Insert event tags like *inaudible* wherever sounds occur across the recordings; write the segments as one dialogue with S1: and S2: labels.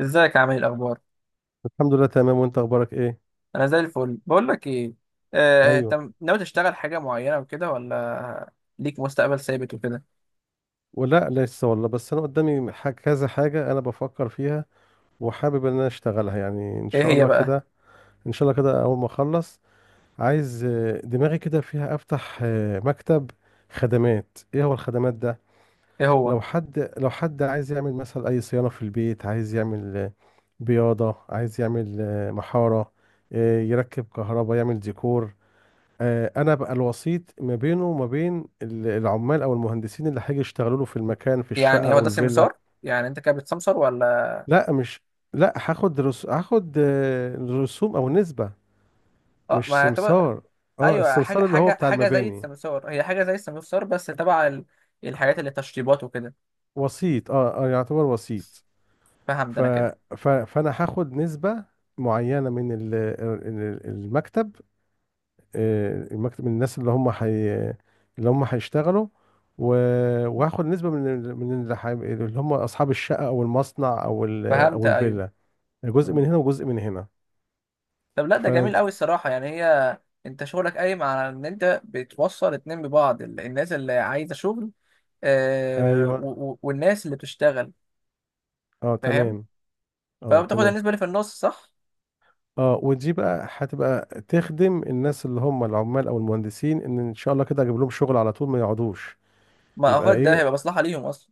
S1: ازيك يا عامل، ايه الاخبار؟
S2: الحمد لله تمام، وانت اخبارك ايه؟
S1: انا زي الفل. بقول لك ايه،
S2: ايوه.
S1: انت ناوي تشتغل حاجه معينه وكده ولا ليك مستقبل ثابت وكده؟
S2: ولا لسه والله، بس انا قدامي كذا حاجه انا بفكر فيها. وحابب ان انا اشتغلها يعني ان
S1: ايه
S2: شاء
S1: هي
S2: الله
S1: بقى؟
S2: كده. ان شاء الله كده اول ما اخلص، عايز دماغي كده فيها افتح مكتب خدمات. ايه هو الخدمات ده؟
S1: ايه هو؟
S2: لو حد عايز يعمل مثلا اي صيانه في البيت، عايز يعمل بياضه، عايز يعمل محاره، يركب كهرباء، يعمل ديكور. انا بقى الوسيط ما بينه وما بين العمال او المهندسين اللي هيجي يشتغلوا له في المكان، في الشقه
S1: يعني هو
S2: او
S1: ده
S2: الفيلا.
S1: سمسار؟ يعني انت كده بتسمسار ولا؟
S2: لا، مش. لا، هاخد هاخد رسوم او نسبه.
S1: اه،
S2: مش
S1: ما تبقى
S2: سمسار. اه،
S1: ايوه، حاجه
S2: السمسار اللي هو
S1: حاجه
S2: بتاع
S1: حاجه زي
S2: المباني.
S1: السمسار. هي حاجه زي السمسار بس تبع الحاجات اللي تشطيبات وكده.
S2: وسيط، اه، اه، يعتبر وسيط.
S1: فهمت
S2: ف...
S1: انا كده.
S2: فانا هاخد نسبه معينه من المكتب. المكتب، من الناس اللي هم هيشتغلوا. و... وهاخد نسبة من من اللي هم أصحاب الشقة أو المصنع أو
S1: فهمت،
S2: أو
S1: ايوه.
S2: الفيلا. جزء
S1: مم.
S2: من هنا وجزء من هنا.
S1: طب، لا، ده
S2: ف
S1: جميل قوي الصراحه. يعني هي انت شغلك قايم على ان انت بتوصل اتنين ببعض الناس اللي عايزه شغل،
S2: أيوه.
S1: والناس اللي بتشتغل.
S2: أه،
S1: فاهم؟
S2: تمام. أه،
S1: فبتاخد
S2: تمام.
S1: النسبة اللي في النص، صح؟
S2: أه، ودي بقى هتبقى تخدم الناس اللي هم العمال أو المهندسين، إن شاء الله كده أجيب لهم شغل على طول ما يقعدوش.
S1: ما
S2: يبقى
S1: اعتقد ده
S2: إيه؟
S1: هيبقى مصلحة ليهم اصلا.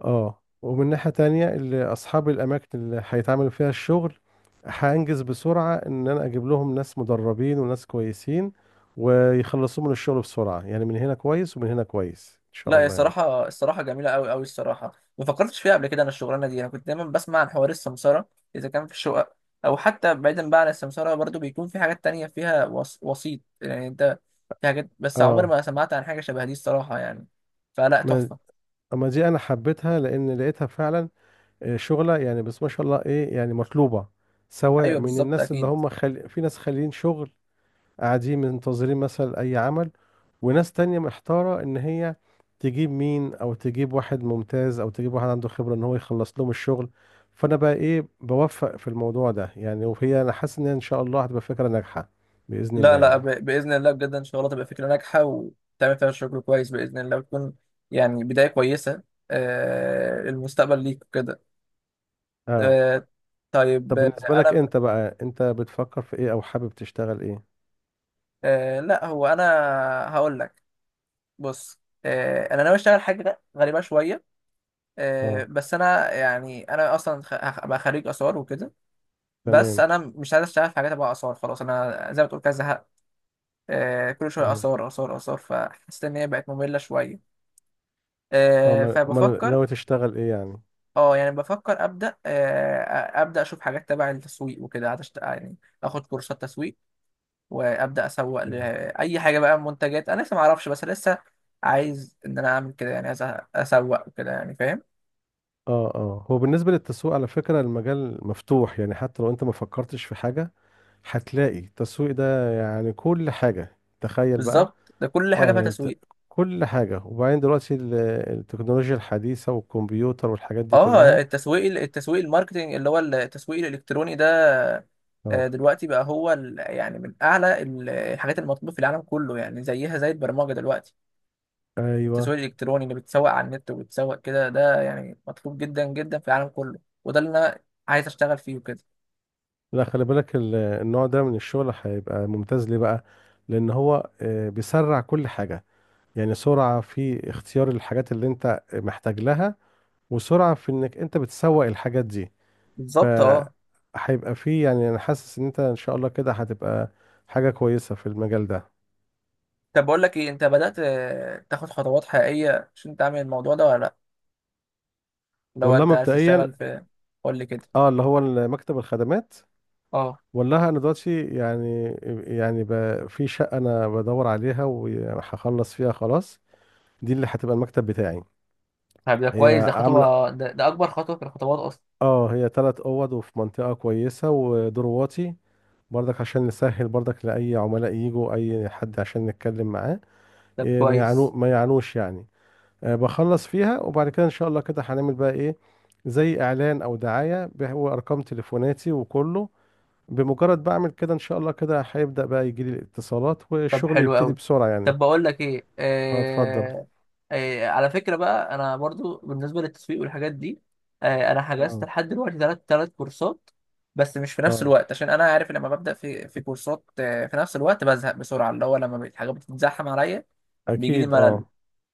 S2: اه، ومن ناحية تانية، اللي أصحاب الأماكن اللي هيتعمل فيها الشغل، هأنجز بسرعة، إن أنا أجيب لهم ناس مدربين وناس كويسين، ويخلصوا من الشغل بسرعة، يعني من هنا كويس ومن هنا كويس إن شاء
S1: لا، هي
S2: الله يعني.
S1: الصراحة الصراحة جميلة أوي أوي الصراحة. ما فكرتش فيها قبل كده. أنا الشغلانة دي أنا كنت دايما بسمع عن حوار السمسرة إذا كان في الشقق، أو حتى بعيدا بقى عن السمسرة برضو بيكون في حاجات تانية فيها وسيط، يعني أنت في حاجات، بس عمري
S2: اه،
S1: ما سمعت عن حاجة شبه دي الصراحة يعني. فلا،
S2: ما
S1: تحفة.
S2: أما دي أنا حبيتها لأن لقيتها فعلا شغلة يعني، بس ما شاء الله، إيه يعني، مطلوبة سواء
S1: أيوه،
S2: من
S1: بالظبط،
S2: الناس
S1: أكيد.
S2: في ناس خاليين شغل، قاعدين منتظرين مثلا أي عمل. وناس تانية محتارة إن هي تجيب مين، أو تجيب واحد ممتاز، أو تجيب واحد عنده خبرة إن هو يخلص لهم الشغل. فأنا بقى إيه، بوفق في الموضوع ده يعني، وهي أنا حاسس إن هي إن شاء الله هتبقى فكرة ناجحة، بإذن
S1: لا
S2: الله
S1: لا،
S2: يعني.
S1: باذن الله بجد ان شاء الله تبقى فكره ناجحه وتعمل فيها شغل كويس باذن الله وتكون يعني بدايه كويسه. المستقبل ليك كده.
S2: أه.
S1: آه. طيب.
S2: طب بالنسبة لك،
S1: انا،
S2: أنت بقى أنت بتفكر في إيه، أو حابب تشتغل إيه؟
S1: لا هو انا هقول لك. بص، انا ناوي اشتغل حاجه غريبه شويه.
S2: أه،
S1: بس انا اصلا ابقى خريج اثار وكده. بس
S2: تمام.
S1: انا مش عايز اشتغل في حاجات تبع اثار. خلاص انا زي ما تقول كده زهقت. كل شويه
S2: أه،
S1: اثار اثار اثار، فحسيت ان هي بقت ممله شويه.
S2: أه، أمال
S1: فبفكر.
S2: ناوي تشتغل إيه يعني؟
S1: اه يعني بفكر ابدا، ابدا اشوف حاجات تبع التسويق وكده، عشان يعني اخد كورسات تسويق وابدا اسوق
S2: مم.
S1: لاي حاجه، بقى منتجات انا لسه ما اعرفش، بس لسه عايز ان انا اعمل كده. يعني عايز اسوق وكده، يعني فاهم؟
S2: اه، اه، هو بالنسبة للتسويق، على فكرة، المجال مفتوح يعني حتى لو انت ما فكرتش في حاجة، هتلاقي التسويق ده يعني كل حاجة، تخيل بقى.
S1: بالظبط، ده كل حاجه
S2: اه،
S1: فيها
S2: يعني
S1: تسويق.
S2: كل حاجة، وبعدين دلوقتي التكنولوجيا الحديثة والكمبيوتر والحاجات دي
S1: اه،
S2: كلها.
S1: التسويق التسويق الماركتنج اللي هو التسويق الالكتروني ده،
S2: اه،
S1: دلوقتي بقى هو يعني من اعلى الحاجات المطلوبه في العالم كله. يعني زيها زي البرمجه دلوقتي.
S2: ايوه.
S1: التسويق الالكتروني اللي بتسوق على النت وبتسوق كده، ده يعني مطلوب جدا جدا في العالم كله. وده اللي انا عايز اشتغل فيه وكده.
S2: لا، خلي بالك النوع ده من الشغل هيبقى ممتاز ليه بقى. لان هو بيسرع كل حاجة، يعني سرعة في اختيار الحاجات اللي انت محتاج لها، وسرعة في انك انت بتسوق الحاجات دي. ف
S1: بالظبط، اه.
S2: هيبقى فيه يعني، انا حاسس ان انت ان شاء الله كده هتبقى حاجة كويسة في المجال ده.
S1: طب، بقول لك ايه، انت بدأت تاخد خطوات حقيقية عشان تعمل الموضوع ده ولا لا؟ لو
S2: ولا
S1: انت عايز
S2: مبدئيا،
S1: تشتغل في، قول لي كده.
S2: اه، اللي هو مكتب الخدمات.
S1: اه،
S2: ولا انا دلوقتي يعني في شقه انا بدور عليها وهخلص فيها، خلاص. دي اللي هتبقى المكتب بتاعي.
S1: طب ده
S2: هي
S1: كويس، ده
S2: عامله،
S1: خطوة، ده اكبر خطوة في الخطوات اصلا.
S2: اه هي ثلاث اوض وفي منطقه كويسه ودور واطي، برضك عشان نسهل، برضك لاي عملاء يجوا اي حد عشان نتكلم معاه.
S1: طب
S2: إيه،
S1: كويس.
S2: ما يعانوش يعني. بخلص فيها، وبعد كده ان شاء الله كده هنعمل بقى ايه، زي اعلان او دعايه، وارقام تليفوناتي وكله. بمجرد بعمل كده ان شاء الله كده هيبدأ بقى يجي لي الاتصالات
S1: طب
S2: والشغل
S1: حلو
S2: يبتدي
S1: قوي.
S2: بسرعة يعني.
S1: طب، بقول لك ايه،
S2: اه، اتفضل.
S1: على فكره بقى انا برضو بالنسبه للتسويق والحاجات دي. انا حجزت
S2: اه،
S1: لحد دلوقتي ثلاث كورسات، بس مش في نفس
S2: اه،
S1: الوقت، عشان انا عارف لما ببدا في كورسات في نفس الوقت بزهق بسرعه، اللي هو لما الحاجات بتتزحم عليا بيجي لي
S2: اكيد،
S1: ملل.
S2: اه،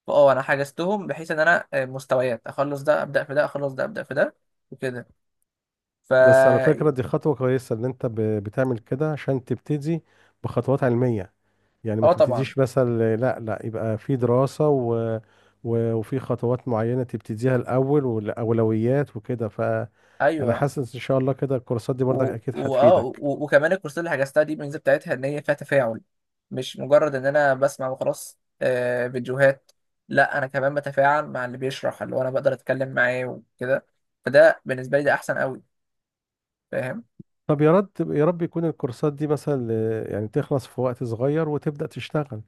S1: فاه، انا حجزتهم بحيث ان انا مستويات، اخلص ده ابدا في ده، اخلص ده ابدا في ده وكده. ف
S2: بس على فكرة دي خطوة كويسة ان انت بتعمل كده عشان تبتدي بخطوات علمية. يعني ما
S1: اه، طبعا،
S2: تبتديش مثلا، لا، لا، يبقى في دراسة وفي خطوات معينة تبتديها الاول، والاولويات وكده، فانا
S1: ايوه،
S2: حاسس ان شاء الله كده الكورسات دي برضك اكيد هتفيدك.
S1: وكمان الكورسات اللي حجزتها دي الميزه بتاعتها ان هي فيها تفاعل. مش مجرد ان انا بسمع وخلاص فيديوهات. لا، انا كمان بتفاعل مع اللي بيشرح، اللي هو انا بقدر اتكلم معاه وكده. فده بالنسبه لي ده احسن قوي، فاهم؟
S2: طب يا رب يا رب، يكون الكورسات دي مثلا، يعني تخلص في وقت صغير وتبدأ تشتغل.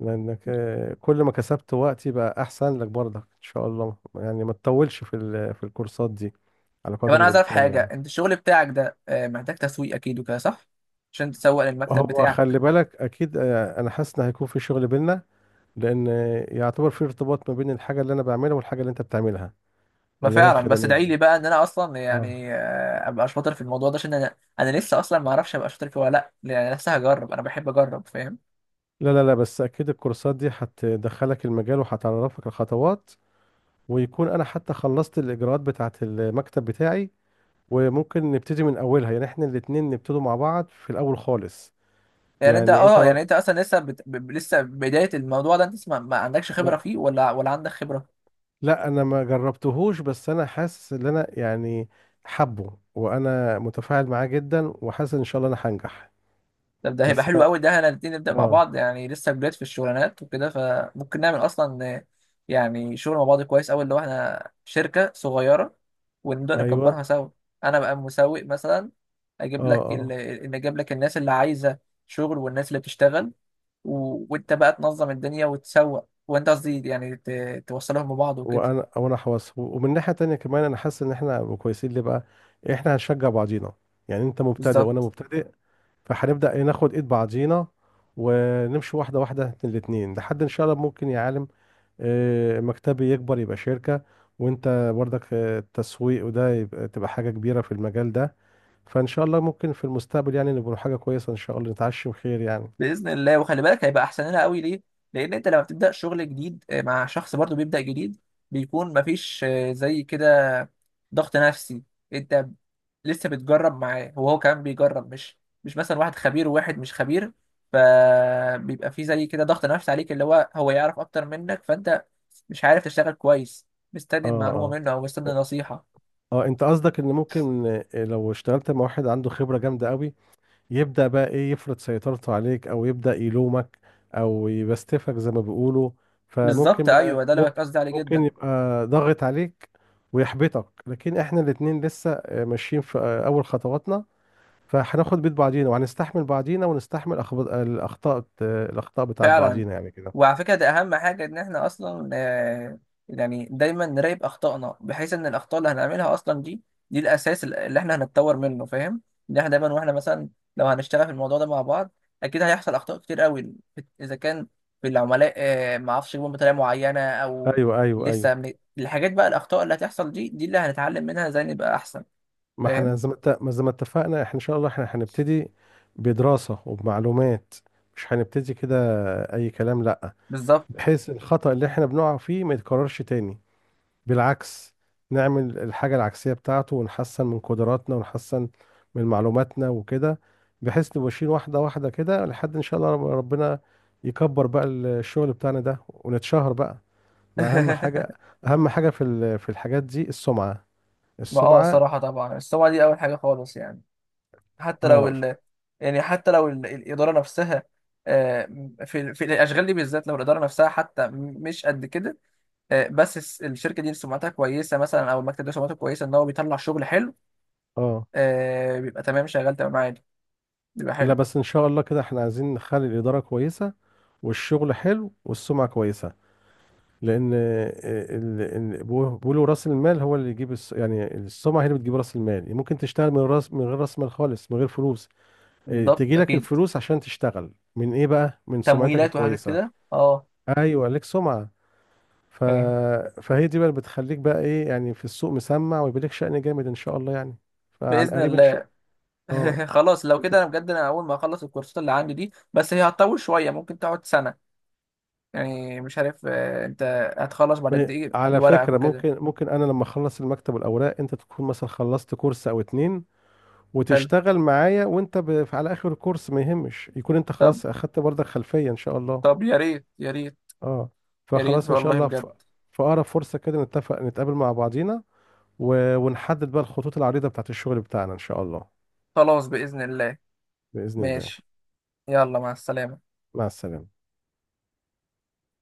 S2: لانك كل ما كسبت وقتي بقى احسن لك برضك ان شاء الله يعني، ما تطولش في الكورسات دي على
S1: طب
S2: قدر
S1: انا عايز اعرف
S2: الامكان
S1: حاجه.
S2: يعني.
S1: انت الشغل بتاعك ده محتاج تسويق اكيد وكده، صح؟ عشان تسوق للمكتب
S2: هو
S1: بتاعك
S2: خلي
S1: وكده.
S2: بالك، اكيد انا حاسس ان هيكون في شغل بينا. لان يعتبر في ارتباط ما بين الحاجه اللي انا بعملها والحاجه اللي انت بتعملها،
S1: ما
S2: اللي هي
S1: فعلا، بس
S2: الخدمات
S1: ادعي
S2: دي.
S1: لي بقى ان انا اصلا
S2: اه،
S1: يعني ابقى شاطر في الموضوع ده، عشان انا لسه اصلا ما اعرفش ابقى شاطر فيه ولا لا، يعني لسه هجرب. انا بحب اجرب، فاهم؟
S2: لا، لا، لا، بس اكيد الكورسات دي هتدخلك المجال وهتعرفك الخطوات، ويكون انا حتى خلصت الاجراءات بتاعه المكتب بتاعي، وممكن نبتدي من اولها يعني، احنا الاتنين نبتدوا مع بعض في الاول خالص.
S1: يعني انت،
S2: يعني انت مر...
S1: يعني انت اصلا لسه لسه بدايه الموضوع ده. انت لسه ما عندكش خبره
S2: ما...
S1: فيه ولا ولا عندك خبره.
S2: لا، انا ما جربتهوش، بس انا حاسس ان انا يعني حبه، وانا متفاعل معاه جدا، وحاسس ان شاء الله انا هنجح.
S1: طب ده هيبقى
S2: بس
S1: حلو
S2: انا.
S1: قوي. ده احنا الاتنين نبدا مع
S2: اه.
S1: بعض، يعني لسه جداد في الشغلانات وكده، فممكن نعمل اصلا يعني شغل مع بعض كويس قوي، اللي هو احنا شركه صغيره ونبدا نكبرها
S2: ايوه.
S1: سوا. انا بقى مسوق مثلا،
S2: اه، اه.
S1: اجيب لك الناس اللي عايزه شغل والناس اللي بتشتغل، وانت بقى تنظم الدنيا وتسوق، وانت قصدي يعني توصلهم ببعض وكده.
S2: وانا حواس، ومن ناحية تانية كمان انا حاسس ان احنا هنبقى كويسين ليه بقى. احنا هنشجع بعضينا، يعني انت مبتدئ وانا
S1: بالظبط.
S2: مبتدئ. فهنبدأ إيه، ناخد ايد بعضينا، ونمشي واحدة واحدة الاتنين، لحد ان شاء الله ممكن، يا عالم، مكتبي يكبر يبقى شركة. وانت برضك التسويق وده تبقى حاجة كبيرة في المجال ده. فان شاء الله ممكن في المستقبل يعني نبقى حاجة كويسة، ان شاء الله نتعشم خير يعني.
S1: باذن الله. وخلي بالك هيبقى احسن لنا قوي ليه، لان انت لما بتبدا شغل جديد مع شخص برضو بيبدا جديد، بيكون مفيش زي كده ضغط نفسي. انت لسه بتجرب معاه وهو كمان بيجرب، مش مثلا واحد خبير وواحد مش خبير. فبيبقى في زي كده ضغط نفسي عليك، اللي هو يعرف اكتر منك، فانت مش عارف تشتغل كويس، مستني
S2: اه،
S1: المعلومه
S2: اه،
S1: منه او مستني نصيحه.
S2: اه، انت قصدك ان ممكن لو اشتغلت مع واحد عنده خبرة جامدة قوي، يبدأ بقى ايه، يفرض سيطرته عليك، او يبدأ يلومك، او يبستفك زي ما بيقولوا.
S1: بالظبط،
S2: فممكن بقى،
S1: ايوه، ده اللي بقى
S2: ممكن
S1: قصدي عليه
S2: ممكن
S1: جدا.
S2: يبقى ضاغط عليك ويحبطك، لكن احنا الاتنين لسه ماشيين في اول خطواتنا. فهناخد بيت بعضينا، وهنستحمل بعضينا، ونستحمل الأخطاء بتاعت
S1: فعلا.
S2: بعضينا يعني كده.
S1: وعلى فكرة ده أهم حاجة، إن إحنا أصلا يعني دايما نراقب أخطائنا، بحيث إن الأخطاء اللي هنعملها أصلا دي، دي الأساس اللي إحنا هنتطور منه، فاهم؟ إن إحنا دايما، وإحنا مثلا لو هنشتغل في الموضوع ده مع بعض أكيد هيحصل أخطاء كتير قوي. إذا كان في العملاء معرفش يجيبهم بطريقة معينة، أو
S2: أيوه، أيوه، أيوه.
S1: لسه من الحاجات، بقى الأخطاء اللي هتحصل دي، دي اللي هنتعلم منها إزاي نبقى أحسن،
S2: ما
S1: فاهم؟
S2: احنا زي ما اتفقنا احنا، إن شاء الله احنا هنبتدي بدراسة وبمعلومات، مش هنبتدي كده أي كلام، لأ.
S1: بالظبط.
S2: بحيث الخطأ اللي احنا بنقع فيه ما يتكررش تاني. بالعكس، نعمل الحاجة العكسية بتاعته، ونحسن من قدراتنا، ونحسن من معلوماتنا وكده. بحيث نبقى ماشيين واحدة واحدة كده، لحد إن شاء الله ربنا يكبر بقى الشغل بتاعنا ده ونتشهر بقى. ما اهم حاجه،
S1: *laughs*
S2: اهم حاجه في الحاجات دي السمعه،
S1: ما
S2: السمعه.
S1: الصراحة طبعا. بس هو دي أول حاجة خالص، يعني حتى لو
S2: اه،
S1: يعني حتى لو الإدارة نفسها، آه، في الأشغال دي بالذات، لو الإدارة نفسها حتى مش قد كده، بس الشركة دي سمعتها كويسة مثلا، أو المكتب ده سمعته كويسة إن هو بيطلع شغل حلو،
S2: اه،
S1: بيبقى تمام، شغال تمام عادي، بيبقى
S2: لا،
S1: حلو.
S2: بس ان شاء الله كده احنا عايزين نخلي الاداره كويسه، والشغل حلو، والسمعه كويسه. لان بيقولوا راس المال هو اللي يجيب يعني السمعه هي اللي بتجيب راس المال، ممكن تشتغل من غير راس مال خالص، من غير فلوس. إيه،
S1: بالضبط،
S2: تجي لك
S1: أكيد.
S2: الفلوس عشان تشتغل من ايه بقى، من سمعتك
S1: تمويلات وحاجات
S2: الكويسه.
S1: كده، أه.
S2: ايوه، ليك سمعه. ف...
S1: فاهم.
S2: فهي دي بقى اللي بتخليك بقى ايه يعني، في السوق مسمع، ويبقى لك شأن جامد ان شاء الله يعني. فعن
S1: بإذن
S2: قريب ان شاء.
S1: الله.
S2: اه،
S1: *laughs* خلاص لو
S2: انت
S1: كده أنا بجد أنا أول ما أخلص الكورسات اللي عندي دي، بس هي هتطول شوية، ممكن تقعد سنة. يعني مش عارف أنت هتخلص بعد قد إيه
S2: على
S1: ورقك
S2: فكرة
S1: وكده.
S2: ممكن انا لما اخلص المكتب والاوراق انت تكون مثلا خلصت كورس او اتنين،
S1: حلو.
S2: وتشتغل معايا وانت على اخر الكورس، ما يهمش يكون انت
S1: طب.
S2: خلاص اخدت برضك خلفية ان شاء الله.
S1: طب يا ريت، يا ريت،
S2: اه،
S1: يا ريت
S2: فخلاص ان شاء
S1: والله
S2: الله
S1: بجد.
S2: في اقرب فرصة كده نتفق، نتقابل مع بعضينا، ونحدد بقى الخطوط العريضة بتاعت الشغل بتاعنا ان شاء الله.
S1: خلاص بإذن الله.
S2: بإذن الله.
S1: ماشي. يلا، مع السلامة.
S2: مع السلامة.